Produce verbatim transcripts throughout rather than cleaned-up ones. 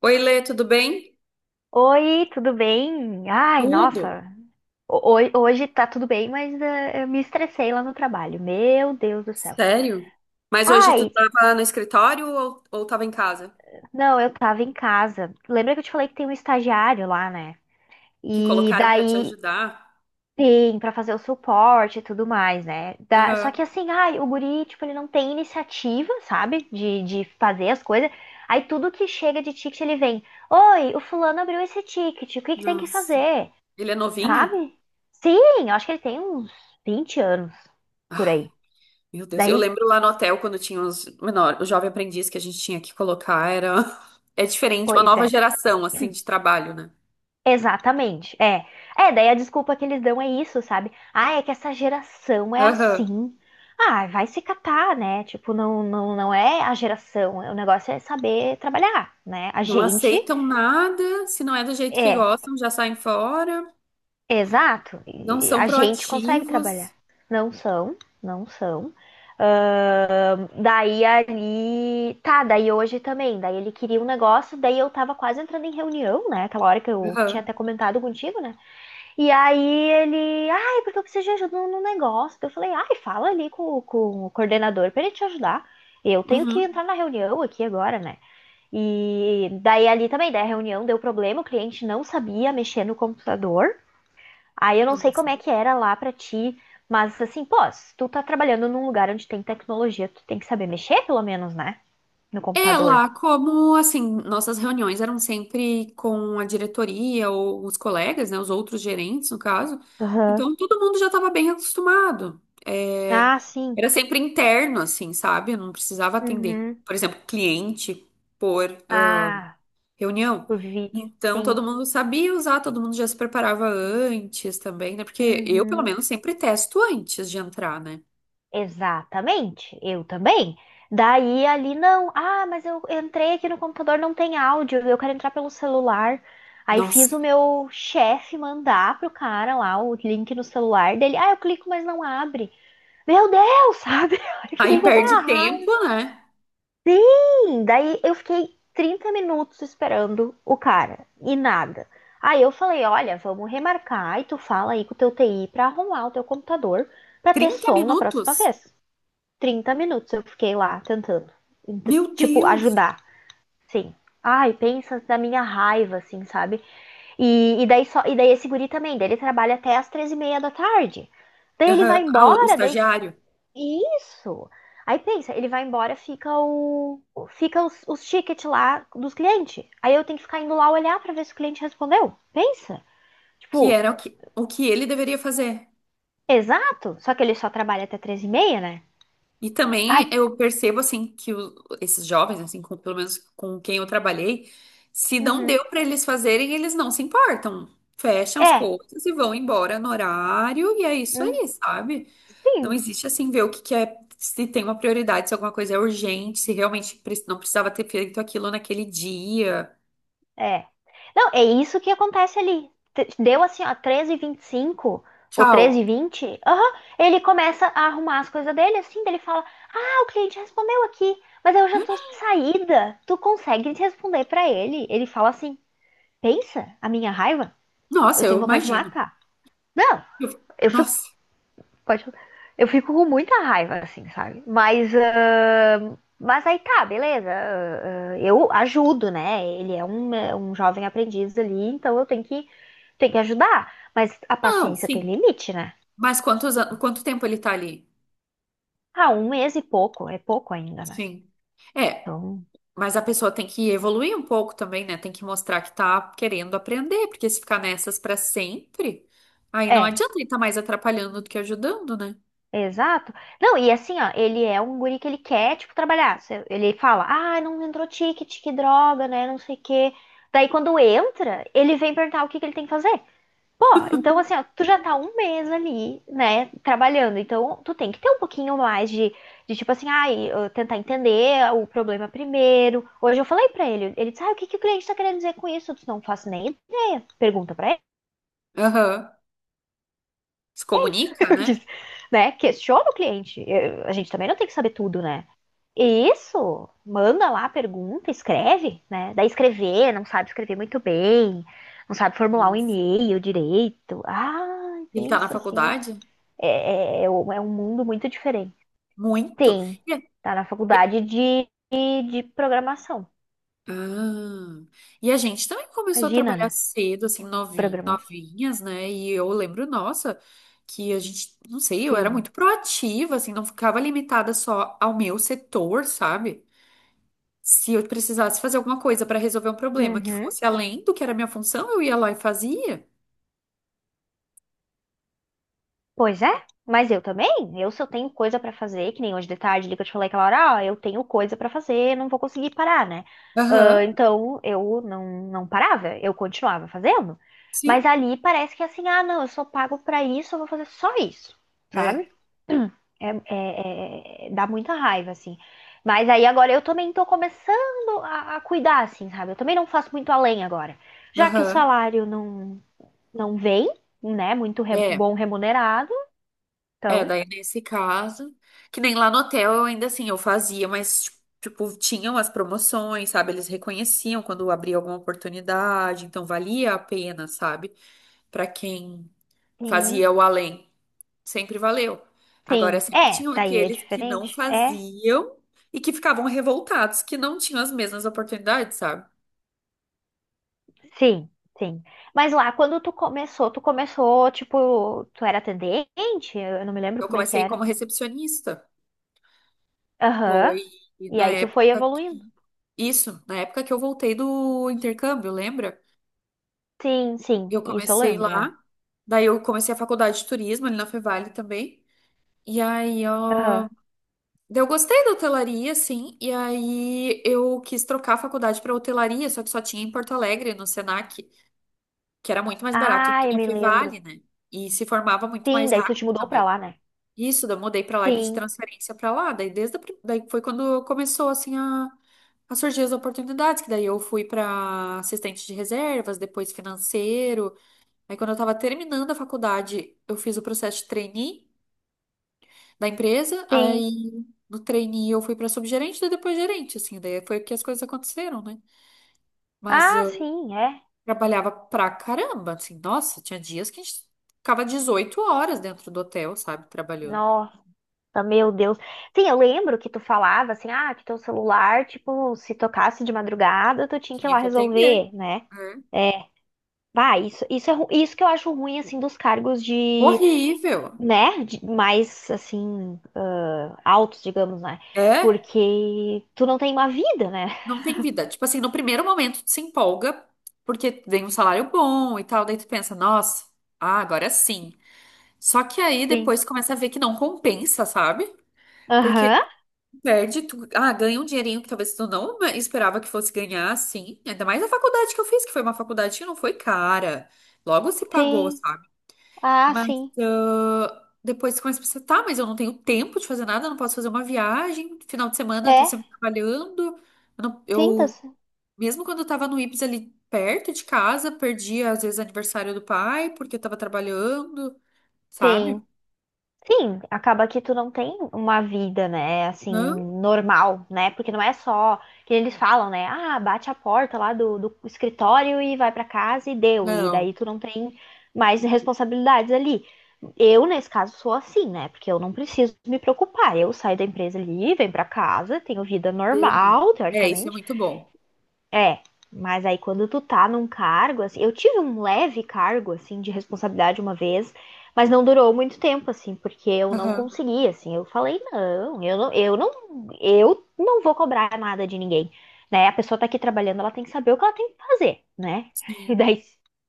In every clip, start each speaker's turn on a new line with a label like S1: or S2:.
S1: Oi, Lê, tudo bem?
S2: Oi, tudo bem? Ai,
S1: Tudo?
S2: nossa, ho- ho- hoje tá tudo bem, mas eh, eu me estressei lá no trabalho. Meu Deus do céu.
S1: Sério? Mas hoje tu
S2: Ai,
S1: tava no escritório ou, ou tava em casa?
S2: não, eu tava em casa. Lembra que eu te falei que tem um estagiário lá, né?
S1: Que
S2: E
S1: colocaram pra te
S2: daí
S1: ajudar?
S2: tem pra fazer o suporte e tudo mais, né? Da- Só
S1: Aham.
S2: que assim, ai, o guri, tipo, ele não tem iniciativa, sabe? De, de fazer as coisas. Aí tudo que chega de ticket ele vem. Oi, o fulano abriu esse ticket, o que que tem que
S1: Nossa.
S2: fazer?
S1: Ele é novinho?
S2: Sabe? Sim, eu acho que ele tem uns vinte anos por
S1: Ai,
S2: aí.
S1: meu Deus. Eu
S2: Daí,
S1: lembro lá no hotel quando tinha os menor, o jovem aprendiz que a gente tinha que colocar era é diferente, uma
S2: pois
S1: nova
S2: é.
S1: geração assim de trabalho, né?
S2: Exatamente. É. É, daí a desculpa que eles dão é isso, sabe? Ah, é que essa geração é
S1: Aham.
S2: assim. Ah, vai se catar, né? Tipo, não, não, não é a geração. O negócio é saber trabalhar, né? A
S1: Não
S2: gente
S1: aceitam nada, se não é do jeito que
S2: é.
S1: gostam, já saem fora,
S2: Exato.
S1: não
S2: E
S1: são
S2: a gente consegue trabalhar.
S1: proativos.
S2: Não são, não são. Ahn, daí ali. Tá, daí hoje também. Daí ele queria um negócio, daí eu tava quase entrando em reunião, né? Aquela hora que eu tinha
S1: Aham.
S2: até comentado contigo, né? E aí ele. Ai, porque eu preciso de ajuda no negócio. Daí eu falei, ai, fala ali com, com o coordenador pra ele te ajudar. Eu tenho que
S1: Uhum.
S2: entrar na reunião aqui agora, né? E daí ali também, daí a reunião deu problema, o cliente não sabia mexer no computador. Aí eu não sei
S1: Nossa.
S2: como é que era lá pra ti, mas assim, pô, se tu tá trabalhando num lugar onde tem tecnologia, tu tem que saber mexer, pelo menos, né? No
S1: É,
S2: computador.
S1: lá, como assim, nossas reuniões eram sempre com a diretoria ou os colegas, né, os outros gerentes, no caso.
S2: Aham.
S1: Então, todo mundo já estava bem acostumado. É,
S2: Ah, sim.
S1: era sempre interno, assim, sabe? Eu não precisava atender,
S2: Uhum.
S1: por exemplo, cliente por ah,
S2: Ah,
S1: reunião.
S2: por vídeo.
S1: Então,
S2: Sim.
S1: todo mundo sabia usar, todo mundo já se preparava antes também, né? Porque eu, pelo
S2: Uhum.
S1: menos, sempre testo antes de entrar, né?
S2: Exatamente. Eu também. Daí ali não. Ah, mas eu entrei aqui no computador, não tem áudio. Eu quero entrar pelo celular. Aí
S1: Nossa,
S2: fiz o meu chefe mandar pro cara lá o link no celular dele. Ah, eu clico, mas não abre. Meu Deus, sabe? Eu fiquei
S1: aí
S2: com uma
S1: perde
S2: raiva.
S1: tempo, né?
S2: Sim, daí eu fiquei trinta minutos esperando o cara e nada. Aí eu falei, olha, vamos remarcar e tu fala aí com o teu T I pra arrumar o teu computador pra ter
S1: trinta
S2: som na próxima
S1: minutos?
S2: vez. Trinta minutos eu fiquei lá tentando,
S1: Meu
S2: tipo,
S1: Deus!
S2: ajudar. Sim. Ai, pensa na minha raiva, assim, sabe? E, e daí só, e daí esse guri também, daí ele trabalha até as treze e meia da tarde. Daí ele
S1: Aham.
S2: vai
S1: Ah, o o
S2: embora, daí
S1: estagiário,
S2: Isso. Aí pensa, ele vai embora, fica o fica os, os tickets lá dos clientes. Aí eu tenho que ficar indo lá olhar pra ver se o cliente respondeu. Pensa.
S1: que
S2: Tipo,
S1: era o que, o que ele deveria fazer.
S2: exato, só que ele só trabalha até três e meia, né?
S1: E
S2: Ai,
S1: também eu percebo, assim, que o- esses jovens, assim, com- pelo menos com quem eu trabalhei, se não
S2: uhum.
S1: deu para eles fazerem, eles não se importam. Fecham as
S2: É,
S1: coisas e vão embora no horário, e é isso
S2: hum,
S1: aí, sabe? Não
S2: sim,
S1: existe, assim, ver o que que é, se tem uma prioridade, se alguma coisa é urgente, se realmente pre- não precisava ter feito aquilo naquele dia.
S2: é. Não, é isso que acontece ali. T- Deu assim, ó, treze e vinte e cinco ou treze e
S1: Tchau.
S2: vinte. Aham, ele começa a arrumar as coisas dele, assim, daí ele fala, o cliente respondeu aqui, mas eu já tô de saída. Tu consegue responder pra ele? Ele fala assim: pensa, a minha raiva, eu
S1: Nossa, eu
S2: tenho vontade de
S1: imagino.
S2: matar. Não,
S1: Eu-
S2: eu fico.
S1: Nossa.
S2: Pode, eu fico com muita raiva, assim, sabe? Mas. Ah, mas aí tá, beleza. Ah, ah, eu ajudo, né? Ele é um, é um jovem aprendiz ali, então eu tenho que, tenho que ajudar. Mas a
S1: Não,
S2: paciência tem
S1: sim.
S2: limite, né?
S1: Mas quantos, an- quanto tempo ele tá ali?
S2: Ah, um mês e pouco, é pouco ainda, né?
S1: Sim. É,
S2: Então.
S1: mas a pessoa tem que evoluir um pouco também, né? Tem que mostrar que tá querendo aprender, porque se ficar nessas pra sempre, aí não
S2: É,
S1: adianta ele tá mais atrapalhando do que ajudando, né?
S2: exato. Não, e assim, ó, ele é um guri que ele quer, tipo, trabalhar. Se- Ele fala, ah, não entrou ticket, que droga, né, não sei o quê. Daí, quando entra, ele vem perguntar o que que ele tem que fazer. Pô, então, assim, ó, tu já tá um mês ali, né, trabalhando. Então, tu tem que ter um pouquinho mais de, de tipo assim, ai, eu tentar entender o problema primeiro. Hoje eu falei pra ele, ele disse, ah, o que que o cliente tá querendo dizer com isso? Eu disse, não faço nem ideia. Pergunta pra
S1: Aham. Se comunica,
S2: eu
S1: né?
S2: disse, né? Questiona o cliente. Eu- a gente também não tem que saber tudo, né? E isso, manda lá a pergunta, escreve, né? Daí escrever, não sabe escrever muito bem, não sabe formular um
S1: Isso.
S2: e-mail direito. Ai,
S1: Ele tá na
S2: pensa assim.
S1: faculdade?
S2: É, é, é um é um mundo muito diferente.
S1: Muito.
S2: Tem, tá na
S1: É-
S2: faculdade de, de de programação.
S1: Ah, e a gente também começou a
S2: Imagina,
S1: trabalhar
S2: né?
S1: cedo, assim, novin-
S2: Programação.
S1: novinhas, né? E eu lembro, nossa, que a gente, não sei, eu era
S2: Sim.
S1: muito proativa, assim, não ficava limitada só ao meu setor, sabe? Se eu precisasse fazer alguma coisa para resolver um problema que
S2: Uhum.
S1: fosse além do que era a minha função, eu ia lá e fazia.
S2: Pois é, mas eu também. Eu, se eu tenho coisa pra fazer, que nem hoje de tarde ali que eu te falei aquela hora, ó, eu tenho coisa pra fazer, não vou conseguir parar, né? Ah,
S1: Aham,
S2: então eu não, não parava, eu continuava fazendo.
S1: sim.
S2: Mas ali parece que é assim, ah, não, eu sou pago pra isso, eu vou fazer só isso,
S1: É.
S2: sabe? É, é- é- dá muita raiva, assim. Mas aí agora eu também tô começando a, a cuidar, assim, sabe? Eu também não faço muito além agora. Já que o
S1: Aham.
S2: salário não, não vem, né? Muito re-
S1: É.
S2: bom remunerado,
S1: É,
S2: então.
S1: daí nesse caso, que nem lá no hotel eu ainda assim, eu fazia, mas tipo, tinham as promoções, sabe? Eles reconheciam quando abria alguma oportunidade, então valia a pena, sabe? Pra quem
S2: Sim,
S1: fazia o além, sempre valeu. Agora,
S2: sim.
S1: sempre
S2: É,
S1: tinham
S2: daí é
S1: aqueles que não
S2: diferente. É,
S1: faziam e que ficavam revoltados, que não tinham as mesmas oportunidades, sabe?
S2: sim, sim. Mas lá, quando tu começou, tu começou, tipo, tu era atendente? Eu não me lembro
S1: Eu
S2: como é que
S1: comecei
S2: era.
S1: como recepcionista, foi
S2: Aham. E
S1: na
S2: aí tu foi
S1: época,
S2: evoluindo.
S1: isso, na época que eu voltei do intercâmbio, lembra?
S2: Sim, sim,
S1: Eu
S2: isso eu
S1: comecei lá,
S2: lembro, é.
S1: daí eu comecei a faculdade de turismo ali na Fevale também. E aí,
S2: Aham.
S1: ó, daí eu gostei da hotelaria, assim, e aí eu quis trocar a faculdade para hotelaria, só que só tinha em Porto Alegre, no Senac, que era muito mais barato do
S2: Ah,
S1: que
S2: eu
S1: na
S2: me lembro.
S1: Fevale, né? E se formava muito
S2: Sim,
S1: mais
S2: daí tu te
S1: rápido
S2: mudou pra
S1: também.
S2: lá, né?
S1: Isso, daí eu mudei para lá e pedi
S2: Sim,
S1: transferência para lá. Daí desde a pri- daí foi quando começou assim a a surgir as oportunidades, que daí eu fui para assistente de reservas, depois financeiro. Aí, quando eu tava terminando a faculdade, eu fiz o processo de trainee da empresa.
S2: sim.
S1: Aí, no trainee, eu fui pra subgerente, daí depois gerente, assim. Daí foi que as coisas aconteceram, né? Mas
S2: Ah,
S1: eu
S2: sim, é.
S1: trabalhava pra caramba, assim. Nossa, tinha dias que a gente ficava dezoito horas dentro do hotel, sabe? Trabalhando.
S2: Nossa, meu Deus. Sim, eu lembro que tu falava assim, ah, que teu celular, tipo, se tocasse de madrugada, tu tinha que ir
S1: Tinha
S2: lá
S1: que atender.
S2: resolver, né?
S1: É.
S2: É, vai, isso, isso é ru- isso que eu acho ruim, assim, dos cargos de,
S1: Horrível.
S2: né, de- mais, assim, ah, altos, digamos, né?
S1: É?
S2: Porque tu não tem uma vida, né?
S1: Não tem vida. Tipo assim, no primeiro momento, tu se empolga, porque vem um salário bom e tal. Daí tu pensa, nossa, ah, agora sim. Só que aí
S2: Sim.
S1: depois começa a ver que não compensa, sabe? Porque
S2: Aham,
S1: perde, tu, ah, ganha um dinheirinho que talvez tu não esperava que fosse ganhar, assim. Ainda mais a faculdade que eu fiz, que foi uma faculdade que não foi cara. Logo se pagou,
S2: sim.
S1: sabe?
S2: Ah,
S1: Mas
S2: sim.
S1: ah, depois tu começa a pensar, tá, mas eu não tenho tempo de fazer nada, eu não posso fazer uma viagem. Final de semana eu tô
S2: É,
S1: sempre trabalhando. Eu, não-
S2: sim, tá,
S1: eu-
S2: c-
S1: mesmo quando eu tava no Ibs ali perto de casa, perdi às vezes aniversário do pai, porque eu tava trabalhando, sabe?
S2: sim. Sim, acaba que tu não tem uma vida, né, assim,
S1: Não.
S2: normal, né? Porque não é só que eles falam, né? Ah, bate a porta lá do, do escritório e vai pra casa e deu. E daí
S1: Não.
S2: tu não tem mais responsabilidades ali. Eu, nesse caso, sou assim, né? Porque eu não preciso me preocupar. Eu saio da empresa ali, venho pra casa, tenho vida
S1: Deudo.
S2: normal,
S1: É, isso é
S2: teoricamente.
S1: muito bom.
S2: É, mas aí quando tu tá num cargo, assim, eu tive um leve cargo, assim, de responsabilidade uma vez, mas não durou muito tempo, assim, porque eu não
S1: Aham,
S2: consegui, assim, eu falei, não, eu não, eu não, eu não vou cobrar nada de ninguém, né? A pessoa tá aqui trabalhando, ela tem que saber o que ela tem que fazer, né? E
S1: Sim.
S2: daí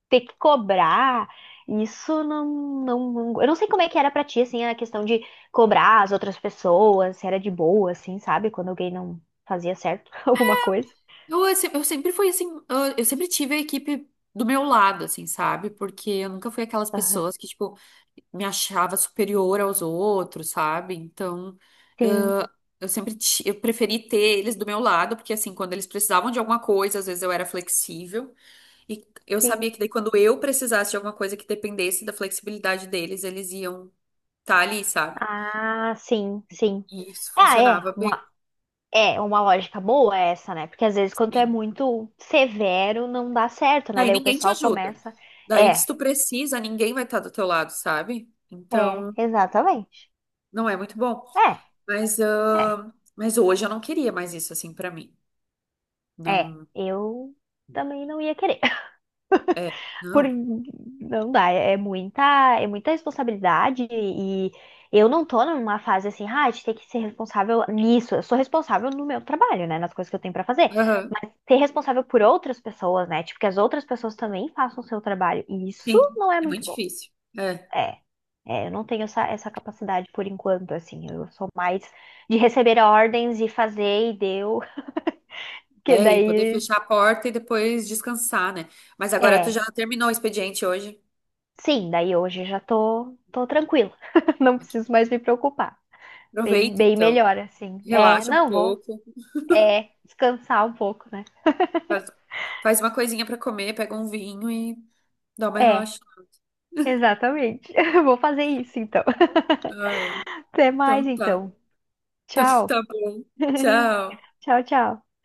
S2: ter que cobrar, isso não, não, não- eu não sei como é que era pra ti, assim, a questão de cobrar as outras pessoas, se era de boa, assim, sabe? Quando alguém não fazia certo alguma coisa.
S1: Eu, eu se- eu sempre fui assim, eu, eu sempre tive a equipe do meu lado, assim, sabe? Porque eu nunca fui aquelas pessoas que, tipo, me achava superior aos outros, sabe? Então,
S2: Sim,
S1: eu sempre ti- eu preferi ter eles do meu lado, porque assim, quando eles precisavam de alguma coisa, às vezes eu era flexível, e eu sabia
S2: sim.
S1: que daí quando eu precisasse de alguma coisa que dependesse da flexibilidade deles, eles iam estar ali, sabe?
S2: Ah, sim, sim.
S1: E isso
S2: Ah, é.
S1: funcionava
S2: Uma, é uma lógica boa essa, né? Porque às vezes quando é
S1: bem.
S2: muito severo, não dá certo, né?
S1: Daí
S2: Daí o
S1: ninguém te
S2: pessoal
S1: ajuda.
S2: começa.
S1: Daí,
S2: É,
S1: se tu precisa, ninguém vai estar do teu lado, sabe?
S2: é,
S1: Então,
S2: exatamente.
S1: não é muito bom.
S2: É,
S1: Mas,
S2: é,
S1: ah, mas hoje eu não queria mais isso assim pra mim.
S2: é.
S1: Não,
S2: Eu também não ia querer.
S1: é,
S2: Por...
S1: não.
S2: Não dá, é é muita, é muita responsabilidade e eu não tô numa fase assim, ah, a gente tem que ser responsável nisso. Eu sou responsável no meu trabalho, né, nas coisas que eu tenho pra fazer,
S1: Aham,
S2: mas ser responsável por outras pessoas, né, tipo que as outras pessoas também façam o seu trabalho. E isso
S1: Sim,
S2: não é
S1: é muito
S2: muito bom.
S1: difícil. É.
S2: É. É, eu não tenho essa, essa capacidade por enquanto, assim, eu sou mais de receber ordens e fazer e deu, que
S1: É, e poder
S2: daí,
S1: fechar a porta e depois descansar, né? Mas agora tu já
S2: é.
S1: terminou o expediente hoje.
S2: Sim, daí hoje já tô, tô tranquila. Não
S1: Ok.
S2: preciso mais me preocupar. Bem,
S1: Aproveita,
S2: bem
S1: então.
S2: melhor, assim. É,
S1: Relaxa um
S2: não vou.
S1: pouco.
S2: É, descansar um pouco, né?
S1: Faz, faz uma coisinha pra comer, pega um vinho e dá uma
S2: É,
S1: relaxada.
S2: exatamente. Vou fazer isso, então.
S1: Ai,
S2: Até mais,
S1: então tá.
S2: então.
S1: Então
S2: Tchau.
S1: tá bom. Tchau.
S2: Tchau, tchau.